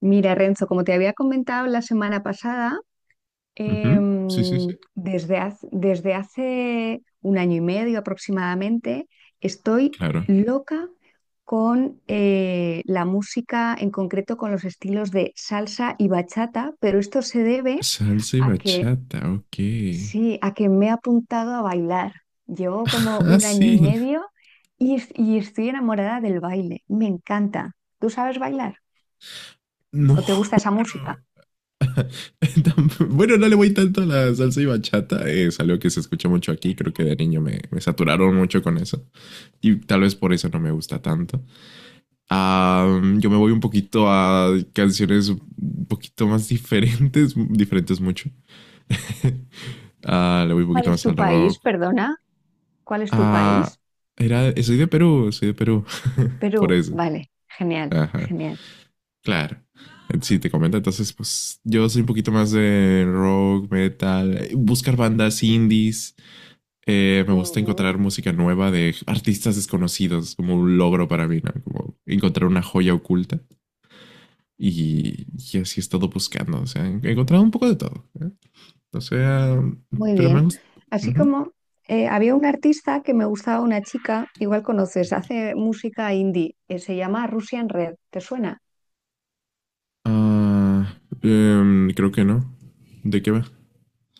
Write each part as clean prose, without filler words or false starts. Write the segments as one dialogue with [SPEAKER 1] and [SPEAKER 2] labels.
[SPEAKER 1] Mira, Renzo, como te había comentado la semana pasada,
[SPEAKER 2] Ujú. Sí, sí, sí.
[SPEAKER 1] desde hace un año y medio aproximadamente, estoy
[SPEAKER 2] Claro.
[SPEAKER 1] loca con la música, en concreto con los estilos de salsa y bachata, pero esto se debe
[SPEAKER 2] Salsa y
[SPEAKER 1] a que
[SPEAKER 2] bachata, ok.
[SPEAKER 1] sí, a que me he apuntado a bailar. Llevo como
[SPEAKER 2] Ah,
[SPEAKER 1] un año y
[SPEAKER 2] sí.
[SPEAKER 1] medio y, y estoy enamorada del baile. Me encanta. ¿Tú sabes bailar?
[SPEAKER 2] No,
[SPEAKER 1] ¿O te gusta esa música?
[SPEAKER 2] bueno. Bueno, no le voy tanto a la salsa y bachata. Es algo que se escucha mucho aquí. Creo que de niño me saturaron mucho con eso. Y tal vez por eso no me gusta tanto. Ah, yo me voy un poquito a canciones un poquito más diferentes. Diferentes mucho. Le voy un
[SPEAKER 1] ¿Cuál
[SPEAKER 2] poquito
[SPEAKER 1] es
[SPEAKER 2] más
[SPEAKER 1] tu
[SPEAKER 2] al
[SPEAKER 1] país?
[SPEAKER 2] rock.
[SPEAKER 1] Perdona, ¿cuál es tu
[SPEAKER 2] Ah,
[SPEAKER 1] país?
[SPEAKER 2] Soy de Perú, soy de Perú. Por
[SPEAKER 1] Perú,
[SPEAKER 2] eso.
[SPEAKER 1] vale, genial,
[SPEAKER 2] Ajá.
[SPEAKER 1] genial.
[SPEAKER 2] Claro. Sí, te comento. Entonces, pues yo soy un poquito más de rock, metal, buscar bandas indies. Me gusta encontrar
[SPEAKER 1] Ujú,
[SPEAKER 2] música nueva de artistas desconocidos, como un logro para mí, ¿no? Como encontrar una joya oculta. Y así he estado buscando. O sea, he encontrado un poco de todo, ¿eh? O sea,
[SPEAKER 1] muy
[SPEAKER 2] pero me han
[SPEAKER 1] bien.
[SPEAKER 2] gustado.
[SPEAKER 1] Así
[SPEAKER 2] Ujú.
[SPEAKER 1] como había un artista que me gustaba, una chica, igual conoces, hace música indie, se llama Russian Red, ¿te suena?
[SPEAKER 2] Ah, Creo que no. ¿De qué va?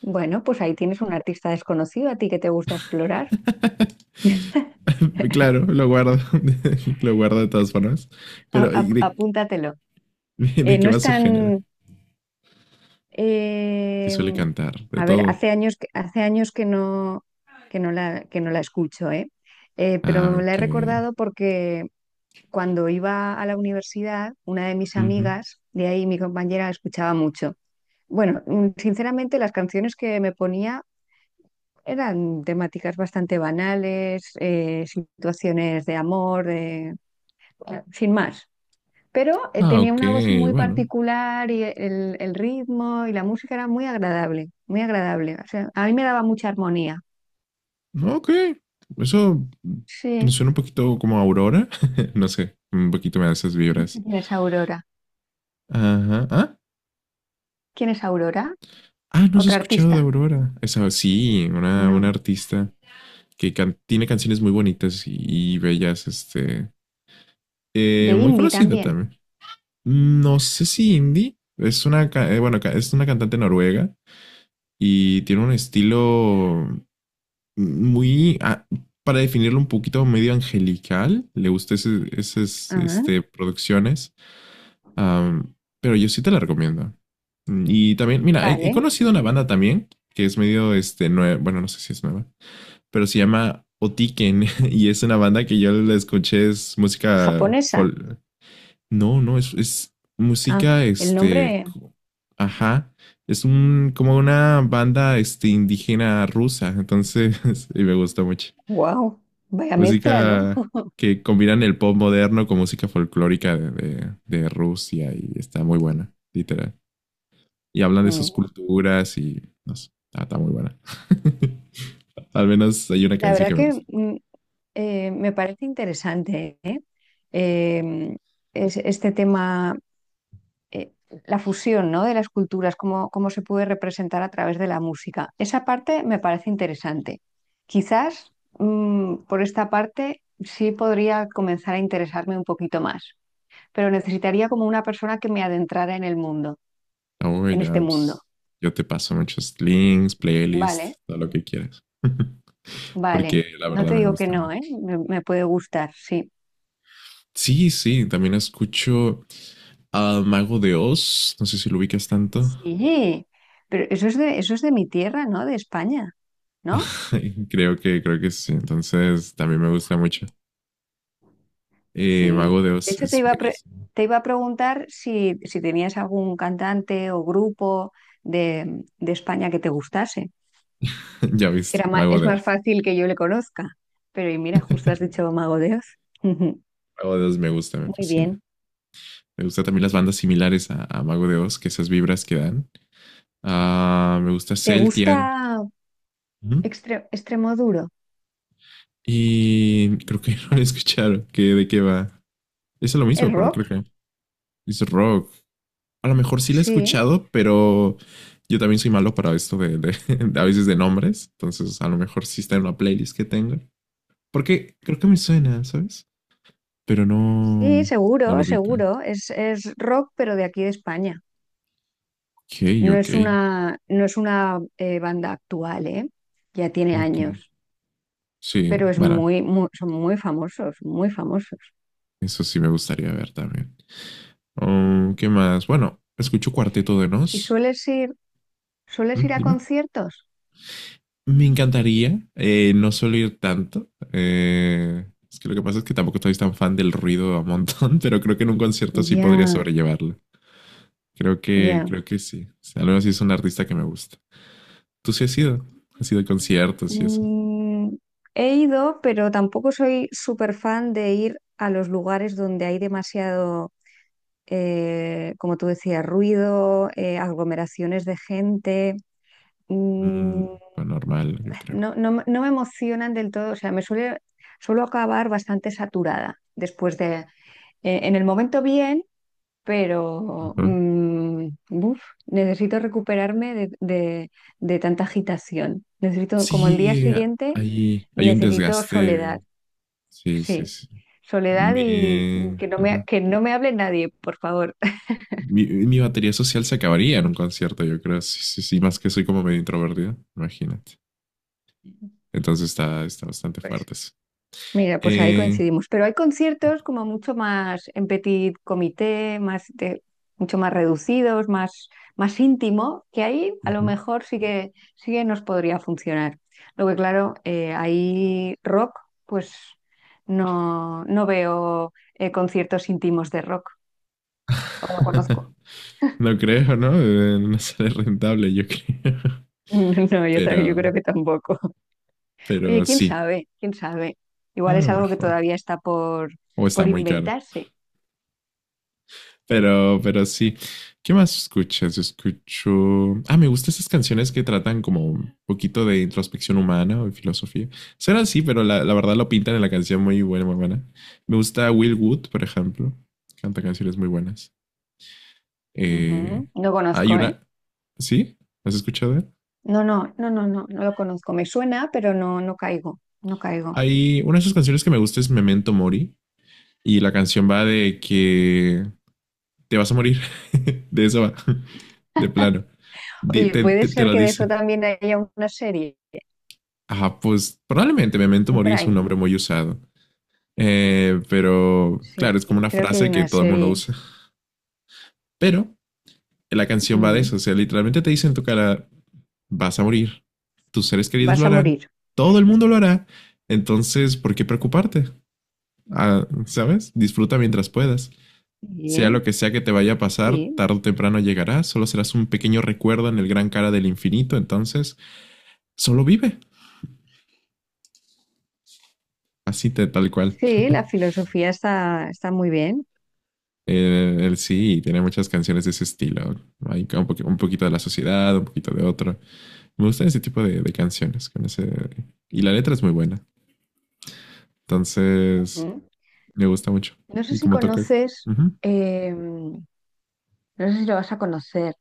[SPEAKER 1] Bueno, pues ahí tienes un artista desconocido a ti que te gusta explorar.
[SPEAKER 2] Claro, lo guardo. Lo guardo de todas formas. Pero, ¿y ¿de,
[SPEAKER 1] Apúntatelo.
[SPEAKER 2] de, de qué
[SPEAKER 1] No es
[SPEAKER 2] va su
[SPEAKER 1] tan
[SPEAKER 2] género? Que
[SPEAKER 1] Eh,
[SPEAKER 2] suele cantar, de
[SPEAKER 1] a ver,
[SPEAKER 2] todo.
[SPEAKER 1] hace años que no, que no la escucho, ¿eh?
[SPEAKER 2] Ah,
[SPEAKER 1] Pero la he
[SPEAKER 2] ok.
[SPEAKER 1] recordado porque cuando iba a la universidad, una de mis
[SPEAKER 2] Ujú.
[SPEAKER 1] amigas, de ahí mi compañera, la escuchaba mucho. Bueno, sinceramente las canciones que me ponía eran temáticas bastante banales, situaciones de amor, sin más. Pero
[SPEAKER 2] Ah,
[SPEAKER 1] tenía
[SPEAKER 2] ok,
[SPEAKER 1] una voz muy
[SPEAKER 2] bueno.
[SPEAKER 1] particular y el ritmo y la música era muy agradable, muy agradable. O sea, a mí me daba mucha armonía.
[SPEAKER 2] Ah, ok. Eso me
[SPEAKER 1] Sí,
[SPEAKER 2] suena un poquito como a Aurora. No sé, un poquito me da esas
[SPEAKER 1] no
[SPEAKER 2] vibras.
[SPEAKER 1] sé quién es Aurora.
[SPEAKER 2] Ajá. Ah,
[SPEAKER 1] ¿Quién es Aurora?
[SPEAKER 2] ah, no has
[SPEAKER 1] ¿Otra
[SPEAKER 2] escuchado de
[SPEAKER 1] artista?
[SPEAKER 2] Aurora. Esa, sí, una
[SPEAKER 1] No.
[SPEAKER 2] artista que tiene canciones muy bonitas y, bellas, este,
[SPEAKER 1] De
[SPEAKER 2] muy
[SPEAKER 1] indie
[SPEAKER 2] conocida
[SPEAKER 1] también.
[SPEAKER 2] también. No sé si indie. Es una, bueno, es una cantante noruega y tiene un estilo muy, para definirlo un poquito, medio angelical. Le gusta esas
[SPEAKER 1] Ah,
[SPEAKER 2] este, producciones. Am, pero yo sí te la recomiendo. Y también, mira, he
[SPEAKER 1] vale.
[SPEAKER 2] conocido una banda también que es medio, este, bueno, no sé si es nueva, pero se llama Otiken. Y es una banda que yo la escuché, es música.
[SPEAKER 1] Japonesa.
[SPEAKER 2] No, no, es
[SPEAKER 1] Ah,
[SPEAKER 2] música,
[SPEAKER 1] el
[SPEAKER 2] este,
[SPEAKER 1] nombre,
[SPEAKER 2] ajá, es un, como una banda, este, indígena rusa, entonces, y me gusta mucho.
[SPEAKER 1] wow, vaya mezcla, ¿no?
[SPEAKER 2] Música que combinan el pop moderno con música folclórica de, de Rusia y está muy buena, literal. Y hablan de sus
[SPEAKER 1] Mm.
[SPEAKER 2] culturas y, no sé, está muy buena. Al menos hay una
[SPEAKER 1] La
[SPEAKER 2] canción
[SPEAKER 1] verdad
[SPEAKER 2] que me
[SPEAKER 1] que
[SPEAKER 2] gusta.
[SPEAKER 1] mm, eh, me parece interesante, ¿eh? Eh, este tema eh, la fusión, ¿no?, de las culturas, cómo se puede representar a través de la música. Esa parte me parece interesante. Quizás por esta parte sí podría comenzar a interesarme un poquito más, pero necesitaría como una persona que me adentrara en el mundo,
[SPEAKER 2] Oh,
[SPEAKER 1] en este
[SPEAKER 2] ya,
[SPEAKER 1] mundo.
[SPEAKER 2] pues, yo te paso muchos links,
[SPEAKER 1] Vale,
[SPEAKER 2] playlists, todo lo que quieras.
[SPEAKER 1] vale.
[SPEAKER 2] Porque la
[SPEAKER 1] No
[SPEAKER 2] verdad
[SPEAKER 1] te
[SPEAKER 2] me
[SPEAKER 1] digo que
[SPEAKER 2] gusta
[SPEAKER 1] no, ¿eh?
[SPEAKER 2] mucho.
[SPEAKER 1] Me puede gustar, sí.
[SPEAKER 2] Sí, sí, también escucho al Mago de Oz, no sé si lo ubicas tanto.
[SPEAKER 1] Sí, pero eso es de mi tierra, ¿no? De España, ¿no?
[SPEAKER 2] Creo que sí, entonces también me gusta mucho.
[SPEAKER 1] Sí,
[SPEAKER 2] Mago de
[SPEAKER 1] de
[SPEAKER 2] Oz
[SPEAKER 1] hecho
[SPEAKER 2] es buenísimo.
[SPEAKER 1] te iba a preguntar si, si tenías algún cantante o grupo de España que te gustase,
[SPEAKER 2] Ya
[SPEAKER 1] que
[SPEAKER 2] viste, Mago
[SPEAKER 1] es
[SPEAKER 2] de
[SPEAKER 1] más
[SPEAKER 2] Oz.
[SPEAKER 1] fácil que yo le conozca. Pero y mira, justo has dicho Mago de Oz. Muy
[SPEAKER 2] Mago de Oz me gusta, me fascina.
[SPEAKER 1] bien.
[SPEAKER 2] Me gusta también las bandas similares a Mago de Oz, que esas vibras que dan. Ah, me gusta
[SPEAKER 1] ¿Te
[SPEAKER 2] Celtian.
[SPEAKER 1] gusta
[SPEAKER 2] Ujú.
[SPEAKER 1] Extremoduro?
[SPEAKER 2] Y creo que no lo escucharon, que de qué va. Es lo
[SPEAKER 1] ¿Es
[SPEAKER 2] mismo, pero
[SPEAKER 1] rock?
[SPEAKER 2] creo que es rock. A lo mejor sí la he
[SPEAKER 1] Sí,
[SPEAKER 2] escuchado, pero yo también soy malo para esto de, de a veces de nombres. Entonces, a lo mejor sí está en una playlist que tengo. Porque creo que me suena, ¿sabes? Pero
[SPEAKER 1] sí,
[SPEAKER 2] no, no lo
[SPEAKER 1] seguro,
[SPEAKER 2] ubico.
[SPEAKER 1] seguro. Es rock, pero de aquí de España.
[SPEAKER 2] Ok,
[SPEAKER 1] No
[SPEAKER 2] ok,
[SPEAKER 1] es una, no es una banda actual, ¿eh? Ya tiene
[SPEAKER 2] ok.
[SPEAKER 1] años.
[SPEAKER 2] Sí,
[SPEAKER 1] Pero es
[SPEAKER 2] bueno,
[SPEAKER 1] muy, son muy famosos, muy famosos.
[SPEAKER 2] eso sí me gustaría ver también. ¿Qué más? Bueno, escucho Cuarteto de
[SPEAKER 1] ¿Y
[SPEAKER 2] Nos.
[SPEAKER 1] sueles
[SPEAKER 2] ¿Mm?
[SPEAKER 1] ir a
[SPEAKER 2] Dime.
[SPEAKER 1] conciertos?
[SPEAKER 2] Me encantaría, no solo ir tanto. Es que lo que pasa es que tampoco estoy tan fan del ruido a montón, pero creo que en un concierto sí podría
[SPEAKER 1] Ya,
[SPEAKER 2] sobrellevarlo. Creo que,
[SPEAKER 1] ya.
[SPEAKER 2] creo que sí. O sea, al menos sí es un artista que me gusta. ¿Tú sí has ido? ¿Has ido a conciertos y eso?
[SPEAKER 1] Mm, he ido, pero tampoco soy súper fan de ir a los lugares donde hay demasiado, como tú decías, ruido, aglomeraciones de gente.
[SPEAKER 2] Mm,
[SPEAKER 1] Mm,
[SPEAKER 2] lo normal, yo creo.
[SPEAKER 1] no, no me emocionan del todo, o sea, suelo acabar bastante saturada después de... En el momento bien, pero
[SPEAKER 2] Ujú.
[SPEAKER 1] buf, necesito recuperarme de, de tanta agitación. Necesito, como el día
[SPEAKER 2] Sí,
[SPEAKER 1] siguiente,
[SPEAKER 2] hay un
[SPEAKER 1] necesito
[SPEAKER 2] desgaste.
[SPEAKER 1] soledad,
[SPEAKER 2] Sí, sí,
[SPEAKER 1] sí,
[SPEAKER 2] sí.
[SPEAKER 1] soledad y
[SPEAKER 2] Ujú.
[SPEAKER 1] que no me hable nadie, por favor.
[SPEAKER 2] Mi batería social se acabaría en un concierto, yo creo. Sí, sí, sí, más que soy como medio introvertido, imagínate. Entonces está bastante
[SPEAKER 1] Pues
[SPEAKER 2] fuerte eso.
[SPEAKER 1] Mira, pues ahí
[SPEAKER 2] Eh,
[SPEAKER 1] coincidimos. Pero hay conciertos como mucho más en petit comité, mucho más reducidos, más, más íntimo, que ahí a lo
[SPEAKER 2] Ujú.
[SPEAKER 1] mejor sí que nos podría funcionar. Lo que claro, ahí rock, pues no, no veo conciertos íntimos de rock, o no conozco.
[SPEAKER 2] No creo, ¿no? No sale rentable, yo creo.
[SPEAKER 1] No, yo, yo creo
[SPEAKER 2] Pero,
[SPEAKER 1] que tampoco. Oye,
[SPEAKER 2] pero
[SPEAKER 1] quién
[SPEAKER 2] sí,
[SPEAKER 1] sabe, quién sabe.
[SPEAKER 2] a
[SPEAKER 1] Igual es
[SPEAKER 2] lo
[SPEAKER 1] algo que
[SPEAKER 2] mejor.
[SPEAKER 1] todavía está
[SPEAKER 2] O está
[SPEAKER 1] por
[SPEAKER 2] muy caro.
[SPEAKER 1] inventarse.
[SPEAKER 2] Pero sí. ¿Qué más escuchas? Escucho. Ah, me gustan esas canciones que tratan como un poquito de introspección humana o de filosofía. Será así, pero la verdad lo pintan en la canción muy buena, muy buena. Me gusta Will Wood, por ejemplo. Canta canciones muy buenas. Eh,
[SPEAKER 1] Ujú. No
[SPEAKER 2] Hay
[SPEAKER 1] conozco, ¿eh?
[SPEAKER 2] una. ¿Sí? ¿Has escuchado?
[SPEAKER 1] No, no, no, no, no, no lo conozco. Me suena, pero no, no caigo, no caigo.
[SPEAKER 2] Hay una de sus canciones que me gusta es Memento Mori. Y la canción va de que te vas a morir. De eso va. De plano. Di-
[SPEAKER 1] Oye,
[SPEAKER 2] Te,
[SPEAKER 1] puede
[SPEAKER 2] te- te
[SPEAKER 1] ser
[SPEAKER 2] lo
[SPEAKER 1] que de eso
[SPEAKER 2] dice.
[SPEAKER 1] también haya una serie
[SPEAKER 2] Ah, pues probablemente Memento
[SPEAKER 1] en
[SPEAKER 2] Mori es un
[SPEAKER 1] Prime.
[SPEAKER 2] nombre muy usado. Pero
[SPEAKER 1] Sí,
[SPEAKER 2] claro, es como
[SPEAKER 1] sí,
[SPEAKER 2] una
[SPEAKER 1] creo que hay
[SPEAKER 2] frase que
[SPEAKER 1] una
[SPEAKER 2] todo el mundo
[SPEAKER 1] serie.
[SPEAKER 2] usa. Pero la canción va de
[SPEAKER 1] Ujú.
[SPEAKER 2] eso. O sea, literalmente te dice en tu cara, vas a morir. Tus seres queridos
[SPEAKER 1] Vas
[SPEAKER 2] lo
[SPEAKER 1] a
[SPEAKER 2] harán.
[SPEAKER 1] morir.
[SPEAKER 2] Todo el mundo lo hará. Entonces, ¿por qué preocuparte? Ah, ¿sabes? Disfruta mientras puedas. Sea lo
[SPEAKER 1] Sí,
[SPEAKER 2] que sea que te vaya a pasar,
[SPEAKER 1] sí,
[SPEAKER 2] tarde o temprano llegará, solo serás un pequeño recuerdo en el gran cara del infinito, entonces solo vive. Así tal cual.
[SPEAKER 1] sí, la filosofía está, está muy bien.
[SPEAKER 2] Él sí tiene muchas canciones de ese estilo. Hay un, un poquito de la sociedad, un poquito de otro. Me gustan ese tipo de canciones. Con ese. Y la letra es muy buena. Entonces,
[SPEAKER 1] Ujú.
[SPEAKER 2] me gusta mucho.
[SPEAKER 1] No sé
[SPEAKER 2] Y
[SPEAKER 1] si
[SPEAKER 2] como toca,
[SPEAKER 1] conoces,
[SPEAKER 2] ujú,
[SPEAKER 1] no sé si lo vas a conocer,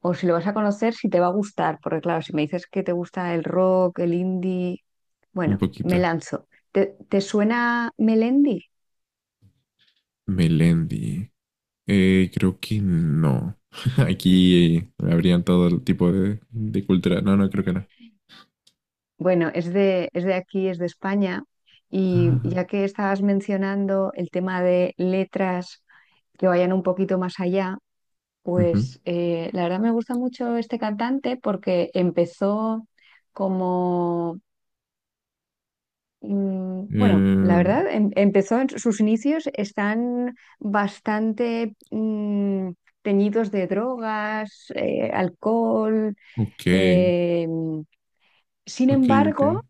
[SPEAKER 1] o si lo vas a conocer, si te va a gustar, porque claro, si me dices que te gusta el rock, el indie,
[SPEAKER 2] un
[SPEAKER 1] bueno, me
[SPEAKER 2] poquito.
[SPEAKER 1] lanzo. ¿Te, te suena Melendi?
[SPEAKER 2] Melendi. Creo que no. Aquí habrían todo el tipo de cultura. No, no, creo que no.
[SPEAKER 1] Bueno, es de aquí, es de España, y
[SPEAKER 2] Ah,
[SPEAKER 1] ya que estabas mencionando el tema de letras que vayan un poquito más allá,
[SPEAKER 2] ujú.
[SPEAKER 1] pues la verdad me gusta mucho este cantante porque empezó como, bueno, la
[SPEAKER 2] Eh,
[SPEAKER 1] verdad, empezó, en sus inicios están bastante teñidos de drogas, alcohol.
[SPEAKER 2] ok,
[SPEAKER 1] eh, Sin
[SPEAKER 2] ok, ok.
[SPEAKER 1] embargo,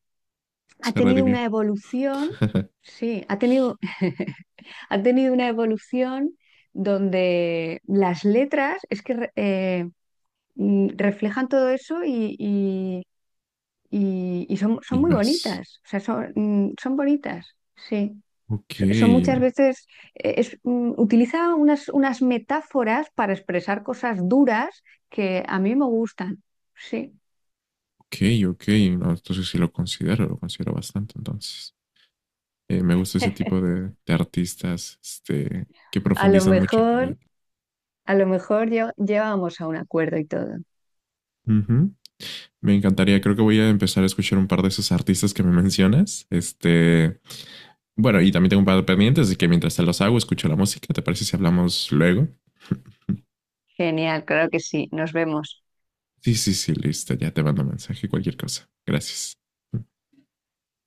[SPEAKER 1] ha
[SPEAKER 2] Se
[SPEAKER 1] tenido
[SPEAKER 2] redimió.
[SPEAKER 1] una evolución, sí, ha tenido, ha tenido una evolución donde las letras es que reflejan todo eso y, y son, son
[SPEAKER 2] Y
[SPEAKER 1] muy
[SPEAKER 2] más.
[SPEAKER 1] bonitas, o sea, son, son bonitas, sí.
[SPEAKER 2] Ok,
[SPEAKER 1] Son muchas veces, utiliza unas, unas metáforas para expresar cosas duras que a mí me gustan, sí.
[SPEAKER 2] ok, ok. No, entonces sí lo considero bastante. Entonces, me gusta ese tipo de artistas este, que
[SPEAKER 1] A lo
[SPEAKER 2] profundizan mucho en la
[SPEAKER 1] mejor,
[SPEAKER 2] letra.
[SPEAKER 1] a lo mejor llegábamos a un acuerdo y todo.
[SPEAKER 2] Ujú. Me encantaría, creo que voy a empezar a escuchar un par de esos artistas que me mencionas. Este, bueno, y también tengo un par de pendientes, así que mientras te los hago, escucho la música. ¿Te parece si hablamos luego?
[SPEAKER 1] Genial, claro que sí. Nos vemos.
[SPEAKER 2] Sí, sí, sí, listo. Ya te mando mensaje, cualquier cosa. Gracias.